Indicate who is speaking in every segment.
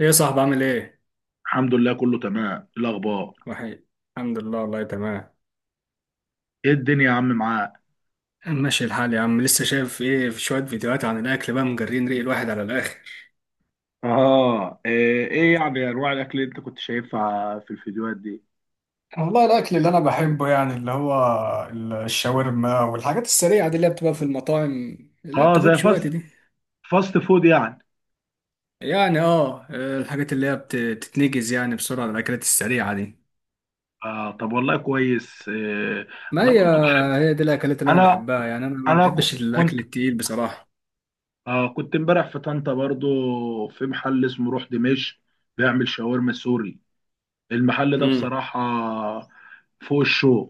Speaker 1: ايه يا صاحبي عامل ايه؟
Speaker 2: الحمد لله، كله تمام. إيه الاخبار؟
Speaker 1: وحيد. الحمد لله، والله تمام.
Speaker 2: ايه الدنيا يا عم معاك؟
Speaker 1: ماشي الحال يا عم. لسه شايف ايه؟ في شوية فيديوهات عن الأكل بقى مجرين ريق الواحد على الآخر.
Speaker 2: اه، إيه يعني انواع الاكل اللي انت كنت شايفها في الفيديوهات دي؟
Speaker 1: والله الاكل اللي انا بحبه يعني اللي هو الشاورما والحاجات السريعه دي اللي هي بتبقى في المطاعم، لا
Speaker 2: اه زي
Speaker 1: بتاخدش وقت
Speaker 2: فاست
Speaker 1: دي.
Speaker 2: فاست فود يعني.
Speaker 1: يعني الحاجات اللي هي بتتنجز يعني بسرعة، الأكلات السريعة دي.
Speaker 2: اه طب والله كويس. إيه،
Speaker 1: ما
Speaker 2: انا
Speaker 1: هي
Speaker 2: برضو بحب.
Speaker 1: هي دي الأكلات اللي أنا
Speaker 2: انا
Speaker 1: بحبها، يعني أنا ما
Speaker 2: انا ك-
Speaker 1: بحبش الأكل
Speaker 2: كنت
Speaker 1: التقيل بصراحة.
Speaker 2: آه كنت امبارح في طنطا برضو، في محل اسمه روح دمشق، بيعمل شاورما سوري. المحل ده
Speaker 1: امم.
Speaker 2: بصراحة فوق الشو،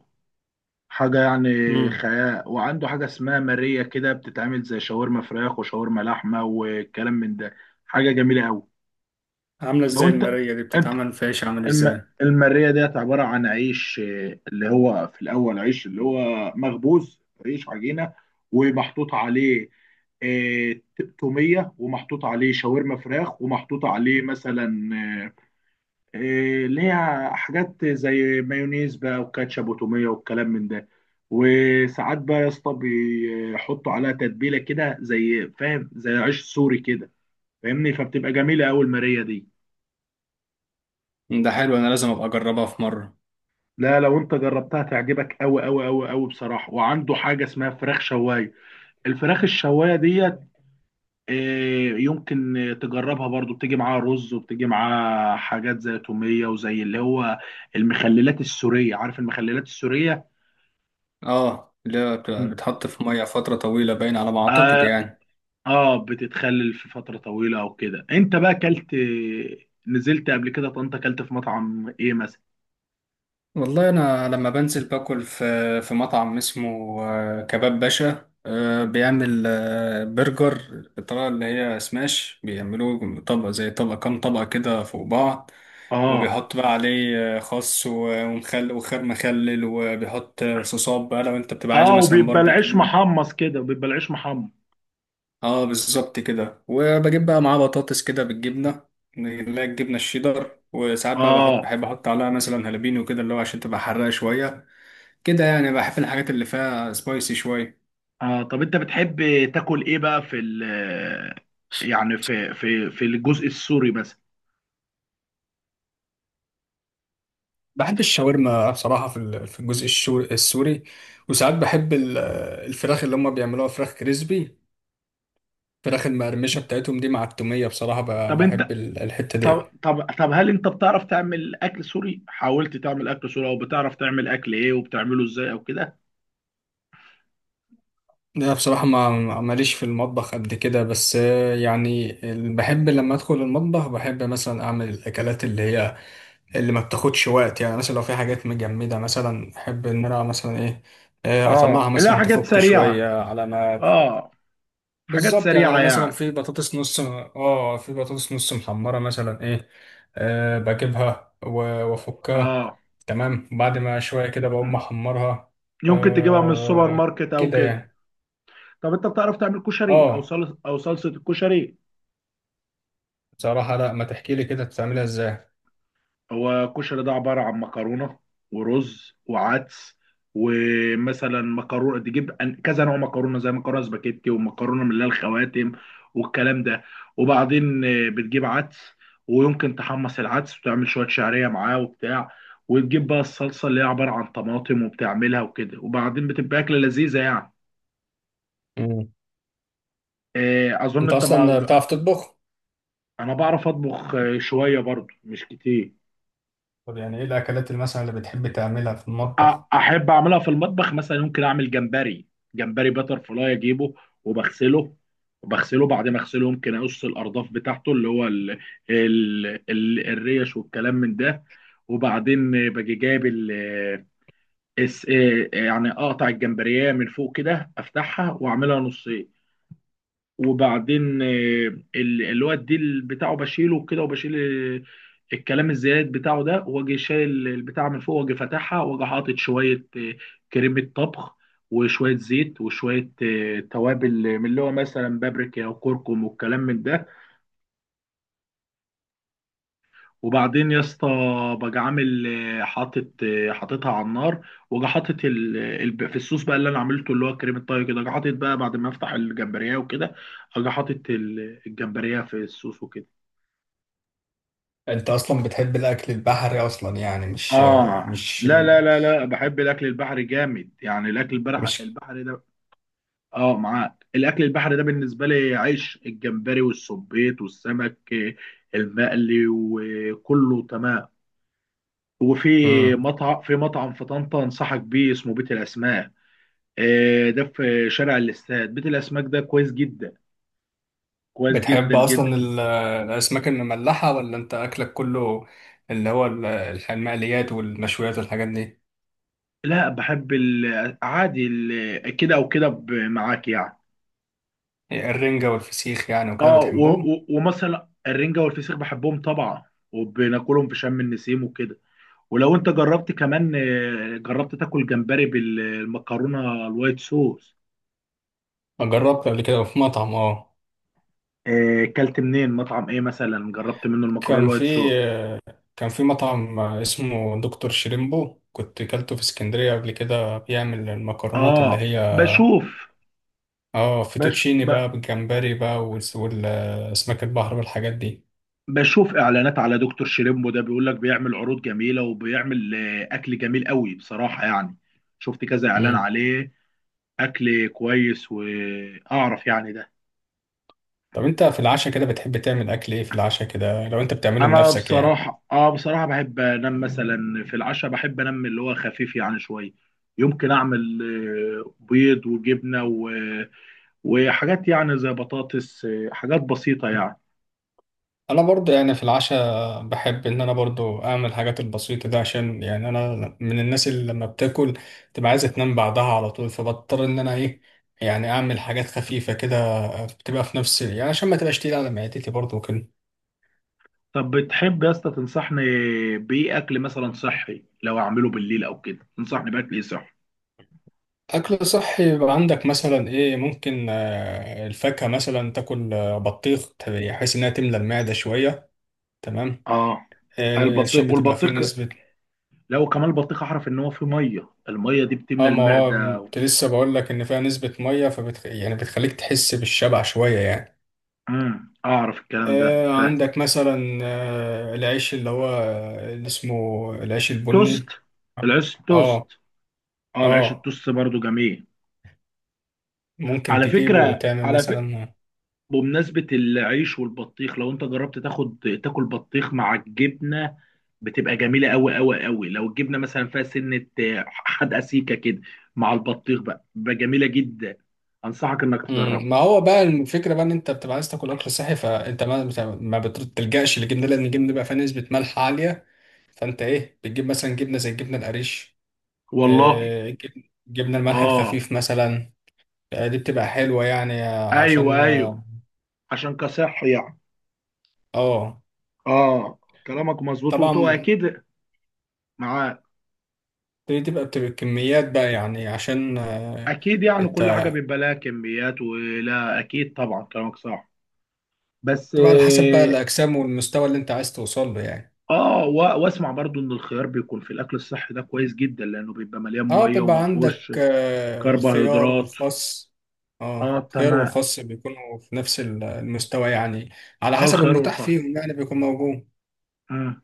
Speaker 2: حاجة يعني
Speaker 1: امم.
Speaker 2: خيال. وعنده حاجة اسمها مارية، كده بتتعمل زي شاورما فراخ وشاورما لحمة والكلام من ده. حاجة جميلة أوي.
Speaker 1: عاملة
Speaker 2: لو
Speaker 1: ازاي
Speaker 2: أنت
Speaker 1: المارية دي
Speaker 2: أنت
Speaker 1: بتتعمل في عيش، عامل ازاي؟
Speaker 2: المارية ديت عبارة عن عيش، اللي هو في الأول عيش، اللي هو مخبوز، عيش عجينة ومحطوط عليه آه، تومية، ومحطوط عليه شاورما فراخ، ومحطوط عليه مثلا إيه، ليها حاجات زي مايونيز بقى وكاتشب وتوميه والكلام من ده. وساعات بقى يا اسطى بيحطوا عليها تتبيله كده، زي فاهم، زي عيش سوري كده فاهمني، فبتبقى جميله قوي الماريه دي.
Speaker 1: ده حلو، انا لازم ابقى اجربها في مره.
Speaker 2: لا، لو انت جربتها تعجبك قوي قوي قوي قوي بصراحه. وعنده حاجه اسمها فراخ شوايه، الفراخ الشوايه ديت إيه، يمكن تجربها برضو. بتيجي معاها رز، وبتيجي معاها حاجات زي توميه، وزي اللي هو المخللات السوريه. عارف المخللات السوريه؟
Speaker 1: اه، اللي هي بتبقى
Speaker 2: مم.
Speaker 1: بتحط في ميه فتره طويله، باين على ما اعتقد يعني.
Speaker 2: اه بتتخلل في فترة طويلة او كده. انت بقى كلت، نزلت قبل كده طنطا، كلت في مطعم ايه مثلا؟
Speaker 1: والله انا لما بنزل باكل في مطعم اسمه كباب باشا. بيعمل برجر بالطريقه اللي هي سماش، بيعملوه طبقه زي طبقه، كام طبقه كده فوق بعض.
Speaker 2: اه.
Speaker 1: وبيحط بقى عليه خس و- ومخل وخيار مخلل، وبيحط صوصات بقى، لو انت بتبقى عايزه
Speaker 2: اه
Speaker 1: مثلا
Speaker 2: وبيبقى العيش
Speaker 1: باربيكيو.
Speaker 2: محمص كده، بيبقى العيش محمص.
Speaker 1: اه بالظبط كده، وبجيب بقى معاه بطاطس كده بالجبنه، اللي هي الجبنه الشيدر. وساعات بقى
Speaker 2: اه.
Speaker 1: بحب احط عليها مثلا هالبينو كده اللي هو عشان تبقى حراقه شويه. كده يعني بحب الحاجات اللي فيها سبايسي شويه.
Speaker 2: اه طب انت بتحب تاكل ايه بقى في ال، يعني في الجزء السوري مثلا؟
Speaker 1: بحب الشاورما بصراحة في الجزء السوري. وساعات بحب الفراخ اللي هم بيعملوها فراخ كريسبي، الفراخ المقرمشة بتاعتهم دي مع التومية. بصراحة
Speaker 2: طب
Speaker 1: بحب
Speaker 2: انت
Speaker 1: الحتة
Speaker 2: طب
Speaker 1: دي.
Speaker 2: طب طب هل انت بتعرف تعمل اكل سوري؟ حاولت تعمل اكل سوري؟ او بتعرف تعمل اكل ايه وبتعمله ازاي او كده؟
Speaker 1: لا بصراحة، ما ماليش في المطبخ قد كده. بس يعني بحب لما أدخل المطبخ، بحب مثلا أعمل الأكلات اللي هي اللي ما بتاخدش وقت. يعني مثلا لو في حاجات مجمدة، مثلا أحب إن أنا مثلا إيه، أطلعها
Speaker 2: اه، لا
Speaker 1: مثلا
Speaker 2: حاجات
Speaker 1: تفك
Speaker 2: سريعة.
Speaker 1: شوية على ما.
Speaker 2: اه حاجات
Speaker 1: بالظبط يعني،
Speaker 2: سريعة
Speaker 1: لو مثلا
Speaker 2: يعني.
Speaker 1: في بطاطس نص محمرة مثلا إيه، بجيبها وأفكها.
Speaker 2: اه.
Speaker 1: تمام بعد ما شوية كده بقوم
Speaker 2: مم.
Speaker 1: أحمرها.
Speaker 2: يمكن تجيبها من السوبر
Speaker 1: آه،
Speaker 2: ماركت او
Speaker 1: كده
Speaker 2: كده.
Speaker 1: يعني.
Speaker 2: طب انت بتعرف تعمل كشري او
Speaker 1: آه
Speaker 2: صلصه، او صلصه الكشري؟
Speaker 1: بصراحة لا، ما تحكي لي كده بتعملها ازاي.
Speaker 2: هو الكشري ده عباره عن مكرونه ورز وعدس. ومثلا مكرونه، تجيب كذا نوع مكرونه زي مكرونه سباكيتي ومكرونه من اللي هي الخواتم والكلام ده. وبعدين بتجيب عدس، ويمكن تحمص العدس وتعمل شويه شعريه معاه وبتاع، وتجيب بقى الصلصه اللي هي عباره عن طماطم، وبتعملها وكده، وبعدين بتبقى اكله لذيذه يعني.
Speaker 1: مم.
Speaker 2: اظن
Speaker 1: انت
Speaker 2: انت ما...
Speaker 1: اصلا بتعرف تطبخ؟
Speaker 2: انا بعرف اطبخ شويه برضو، مش كتير.
Speaker 1: طب يعني ايه الاكلات اللي مثلا اللي بتحب تعملها في
Speaker 2: أ-
Speaker 1: المطبخ؟
Speaker 2: احب اعملها في المطبخ مثلا ممكن اعمل جمبري. جمبري باتر فلاي اجيبه وبغسله بعد ما اغسله ممكن اقص الارداف بتاعته اللي هو ال الريش والكلام من ده. وبعدين باجي جايب ال يعني اقطع الجمبريه من فوق كده، افتحها واعملها نصين. وبعدين الواد ديل بتاعه بشيله كده، وبشيل الكلام الزياد بتاعه ده، واجي شايل البتاع من فوق، واجي فاتحها، واجي حاطط شويه كريمه طبخ، وشويه زيت، وشويه توابل من اللي هو مثلا بابريكا وكركم والكلام من ده. وبعدين يا اسطى باجي عامل حاطط حاططها على النار، واجي حاطط في الصوص بقى اللي انا عملته اللي هو كريمه طهي كده. اجي حاطط بقى بعد ما افتح الجمبريه وكده، اجي حاطط الجمبريه في الصوص وكده.
Speaker 1: انت اصلا بتحب الاكل البحري اصلا يعني؟ مش
Speaker 2: اه
Speaker 1: مش
Speaker 2: لا بحب الاكل البحري جامد يعني، الاكل البحري
Speaker 1: مش
Speaker 2: البحري ده. اه معاك، الاكل البحري ده بالنسبه لي عيش. الجمبري والسبيط والسمك المقلي وكله تمام. وفي
Speaker 1: مم.
Speaker 2: مطعم في طنطا انصحك بيه، اسمه بيت الاسماك، ده في شارع الاستاد. بيت الاسماك ده كويس جدا، كويس
Speaker 1: بتحب
Speaker 2: جدا
Speaker 1: اصلا
Speaker 2: جدا.
Speaker 1: الاسماك المملحة، ولا انت اكلك كله اللي هو المقليات والمشويات والحاجات دي؟
Speaker 2: لا بحب عادي كده او كده، معاك يعني.
Speaker 1: الرنجة والفسيخ يعني وكده
Speaker 2: اه
Speaker 1: بتحبهم؟
Speaker 2: ومثلا الرنجة والفسيخ بحبهم طبعا، وبناكلهم في شم النسيم وكده. ولو انت جربت كمان جربت تاكل جمبري بالمكرونة الوايت صوص.
Speaker 1: جربت قبل كده في مطعم. اه
Speaker 2: كلت منين؟ مطعم ايه مثلا جربت منه المكرونة
Speaker 1: كان في
Speaker 2: الوايت صوص؟
Speaker 1: كان في مطعم اسمه دكتور شريمبو، كنت كلته في اسكندرية قبل كده، بيعمل المكرونات اللي
Speaker 2: اه
Speaker 1: هي
Speaker 2: بشوف.
Speaker 1: اه
Speaker 2: بش...
Speaker 1: فيتوتشيني
Speaker 2: ب...
Speaker 1: بقى بالجمبري بقى، والأسماك البحر والحاجات دي.
Speaker 2: بشوف اعلانات على دكتور شريمبو، ده بيقول لك بيعمل عروض جميلة، وبيعمل اكل جميل قوي بصراحة يعني. شفت كذا اعلان
Speaker 1: مم.
Speaker 2: عليه، اكل كويس، واعرف يعني ده.
Speaker 1: طب انت في العشاء كده بتحب تعمل اكل ايه في العشاء كده، لو انت بتعمله
Speaker 2: انا
Speaker 1: لنفسك يعني؟
Speaker 2: بصراحه بحب انام مثلا. في العشاء بحب انام اللي هو خفيف يعني شويه. يمكن اعمل بيض وجبنه وحاجات يعني زي بطاطس، حاجات بسيطه يعني.
Speaker 1: انا برضو يعني في العشاء بحب ان انا برضو اعمل الحاجات البسيطه ده عشان يعني انا من الناس اللي لما بتاكل تبقى عايزه تنام بعدها على طول، فبضطر ان انا ايه، يعني اعمل حاجات خفيفه كده، بتبقى في نفس يعني عشان ما تبقاش تقيله على معدتي برضو كده.
Speaker 2: طب بتحب يا اسطى تنصحني بايه؟ اكل مثلا صحي لو اعمله بالليل او كده، تنصحني باكل ايه صحي؟
Speaker 1: اكل صحي؟ يبقى عندك مثلا ايه. ممكن الفاكهه مثلا، تاكل بطيخ، بحيث انها تملى المعده شويه. تمام،
Speaker 2: اه.
Speaker 1: عشان
Speaker 2: البطيخ
Speaker 1: بتبقى فيه
Speaker 2: والبطيخ
Speaker 1: نسبة.
Speaker 2: لو كمان البطيخ، اعرف ان هو فيه ميه، الميه دي بتملى
Speaker 1: اه ما هو
Speaker 2: المعده.
Speaker 1: كنت لسه بقول لك ان فيها نسبة مية، يعني بتخليك تحس بالشبع شوية يعني.
Speaker 2: اعرف الكلام ده.
Speaker 1: عندك مثلا العيش اللي هو اللي اسمه العيش
Speaker 2: فتوست.
Speaker 1: البني. اه.
Speaker 2: العيش توست.
Speaker 1: اه.
Speaker 2: اه العيش
Speaker 1: آه،
Speaker 2: التوست برضو جميل.
Speaker 1: ممكن
Speaker 2: على
Speaker 1: تجيبه
Speaker 2: فكرة،
Speaker 1: وتعمل مثلا.
Speaker 2: بمناسبة العيش والبطيخ، لو انت جربت تاخد تاكل بطيخ مع الجبنة، بتبقى جميلة قوي قوي قوي. لو الجبنة مثلا فيها سنة، حدقة سيكة كده، مع البطيخ بقى جميلة جدا. انصحك انك
Speaker 1: مم،
Speaker 2: تجربها.
Speaker 1: ما هو بقى الفكرة بقى ان انت بتبقى عايز تاكل اكل صحي، فانت ما بتلجأش للجبنة، لان الجبنة بقى فيها نسبة ملح عالية. فانت ايه، بتجيب مثلا جبنة زي الجبنة القريش،
Speaker 2: والله.
Speaker 1: جبنة الملح
Speaker 2: اه.
Speaker 1: الخفيف مثلا. دي بتبقى حلوة يعني،
Speaker 2: ايوه
Speaker 1: عشان
Speaker 2: ايوه. عشان كصح يعني.
Speaker 1: آه،
Speaker 2: اه كلامك مظبوط وبتبقى
Speaker 1: طبعا.
Speaker 2: اكيد معاك.
Speaker 1: دي بتبقى كميات بقى يعني، عشان
Speaker 2: اكيد يعني
Speaker 1: انت
Speaker 2: كل حاجة بيبقى لها كميات، ولا اكيد طبعا كلامك صح. بس
Speaker 1: تبقى على حسب بقى
Speaker 2: اه.
Speaker 1: الأجسام والمستوى اللي انت عايز توصل له يعني.
Speaker 2: واسمع برضو ان الخيار بيكون في الاكل الصحي ده كويس جدا، لانه بيبقى مليان
Speaker 1: اه
Speaker 2: ميه
Speaker 1: بيبقى
Speaker 2: وما فيهوش
Speaker 1: عندك الخيار
Speaker 2: كربوهيدرات.
Speaker 1: والخس. اه
Speaker 2: اه
Speaker 1: الخيار
Speaker 2: تمام.
Speaker 1: والخس بيكونوا في نفس المستوى يعني، على
Speaker 2: اه
Speaker 1: حسب
Speaker 2: الخيار
Speaker 1: المتاح
Speaker 2: والخس.
Speaker 1: فيهم يعني بيكون موجود.
Speaker 2: آه.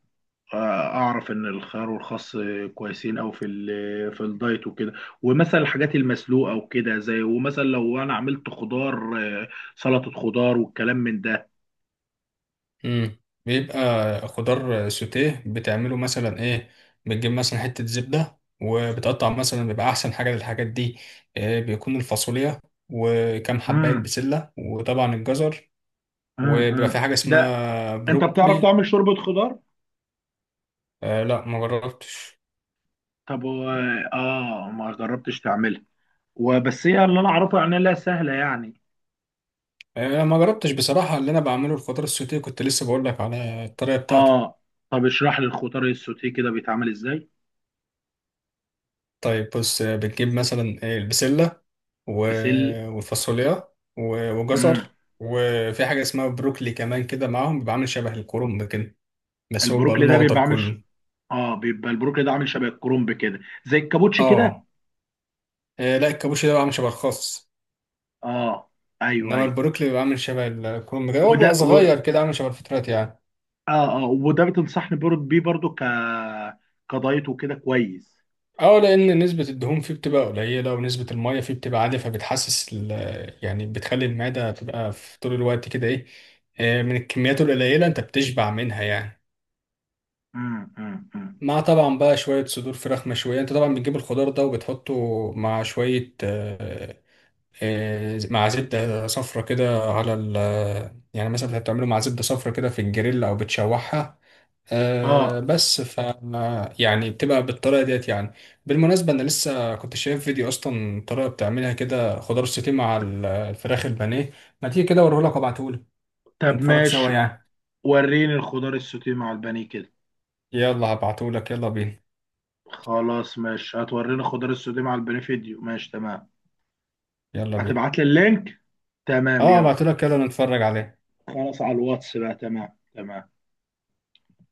Speaker 2: آه، اعرف ان الخيار والخس كويسين او في في الدايت وكده. ومثلا الحاجات المسلوقه وكده، زي ومثلا لو انا عملت خضار، آه، سلطه خضار والكلام من ده.
Speaker 1: امم بيبقى خضار سوتيه، بتعمله مثلا ايه؟ بتجيب مثلا حتة زبدة، وبتقطع مثلا، بيبقى أحسن حاجة للحاجات دي، إيه، بيكون الفاصوليا وكم حباية
Speaker 2: امم
Speaker 1: بسلة وطبعا الجزر، وبيبقى
Speaker 2: امم
Speaker 1: في حاجة
Speaker 2: ده.
Speaker 1: اسمها
Speaker 2: انت بتعرف
Speaker 1: بروكلي.
Speaker 2: تعمل شوربه خضار؟
Speaker 1: لا ما جربتش.
Speaker 2: طب و- اه ما جربتش تعملها. وبس هي اللي انا اعرفه يعني، لا سهله يعني.
Speaker 1: ما جربتش بصراحة، اللي أنا بعمله الخضار السوتيه، كنت لسه بقول لك على الطريقة بتاعته.
Speaker 2: اه. طب اشرح لي الخضار السوتيه كده بيتعمل ازاي؟
Speaker 1: طيب بص، بتجيب مثلا البسلة
Speaker 2: بسل
Speaker 1: والفاصوليا وجزر،
Speaker 2: امم.
Speaker 1: وفي حاجة اسمها بروكلي كمان كده معاهم، بيبقى عامل شبه الكرنب كده، بس هو بيبقى
Speaker 2: البروكلي
Speaker 1: لونه
Speaker 2: ده
Speaker 1: أخضر
Speaker 2: بيبقى عامل
Speaker 1: كله.
Speaker 2: اه بيبقى البروكلي ده عامل شبه الكرنب كده، زي الكابوتشي كده.
Speaker 1: اه. إيه، لا الكابوشي ده بيبقى عامل شبه الخاص.
Speaker 2: اه ايوه
Speaker 1: إنما
Speaker 2: ايوه.
Speaker 1: البروكلي بيبقى عامل شبه الكرنب كده، هو
Speaker 2: وده
Speaker 1: بيبقى
Speaker 2: و...
Speaker 1: صغير كده عامل شبه الفترات يعني.
Speaker 2: اه وده بتنصحني بيه برضو كدايت وكده كويس؟
Speaker 1: اه لأن نسبة الدهون فيه بتبقى قليلة، ونسبة المية فيه بتبقى عالية، يعني بتخلي المعدة تبقى في طول الوقت كده، ايه، إيه، من الكميات القليلة انت بتشبع منها يعني.
Speaker 2: أمم.
Speaker 1: مع طبعا بقى شوية صدور فراخ مشوية. انت طبعا بتجيب الخضار ده وبتحطه مع شوية، مع زبدة صفرة كده على ال يعني مثلا انت بتعمله مع زبدة صفرة كده في الجريل او بتشوحها،
Speaker 2: اه
Speaker 1: بس يعني بتبقى بالطريقة ديت يعني. بالمناسبة انا لسه كنت شايف فيديو اصلا، طريقة بتعملها كده خضار سوتيه مع الفراخ البانيه. ما تيجي كده اوريهولك وابعتهولك،
Speaker 2: طب
Speaker 1: نتفرج سوا
Speaker 2: ماشي.
Speaker 1: يعني.
Speaker 2: وريني الخضار السوتيه مع البانيه كده.
Speaker 1: يلا هبعتهولك، يلا بينا.
Speaker 2: خلاص ماشي، هتوريني الخضار السوتيه مع البانيه فيديو ماشي تمام.
Speaker 1: يلا بينا.
Speaker 2: هتبعت لي اللينك، تمام
Speaker 1: اه
Speaker 2: يلا.
Speaker 1: هبعتهولك، يلا نتفرج عليه.
Speaker 2: خلاص على الواتس بقى، تمام. تمام.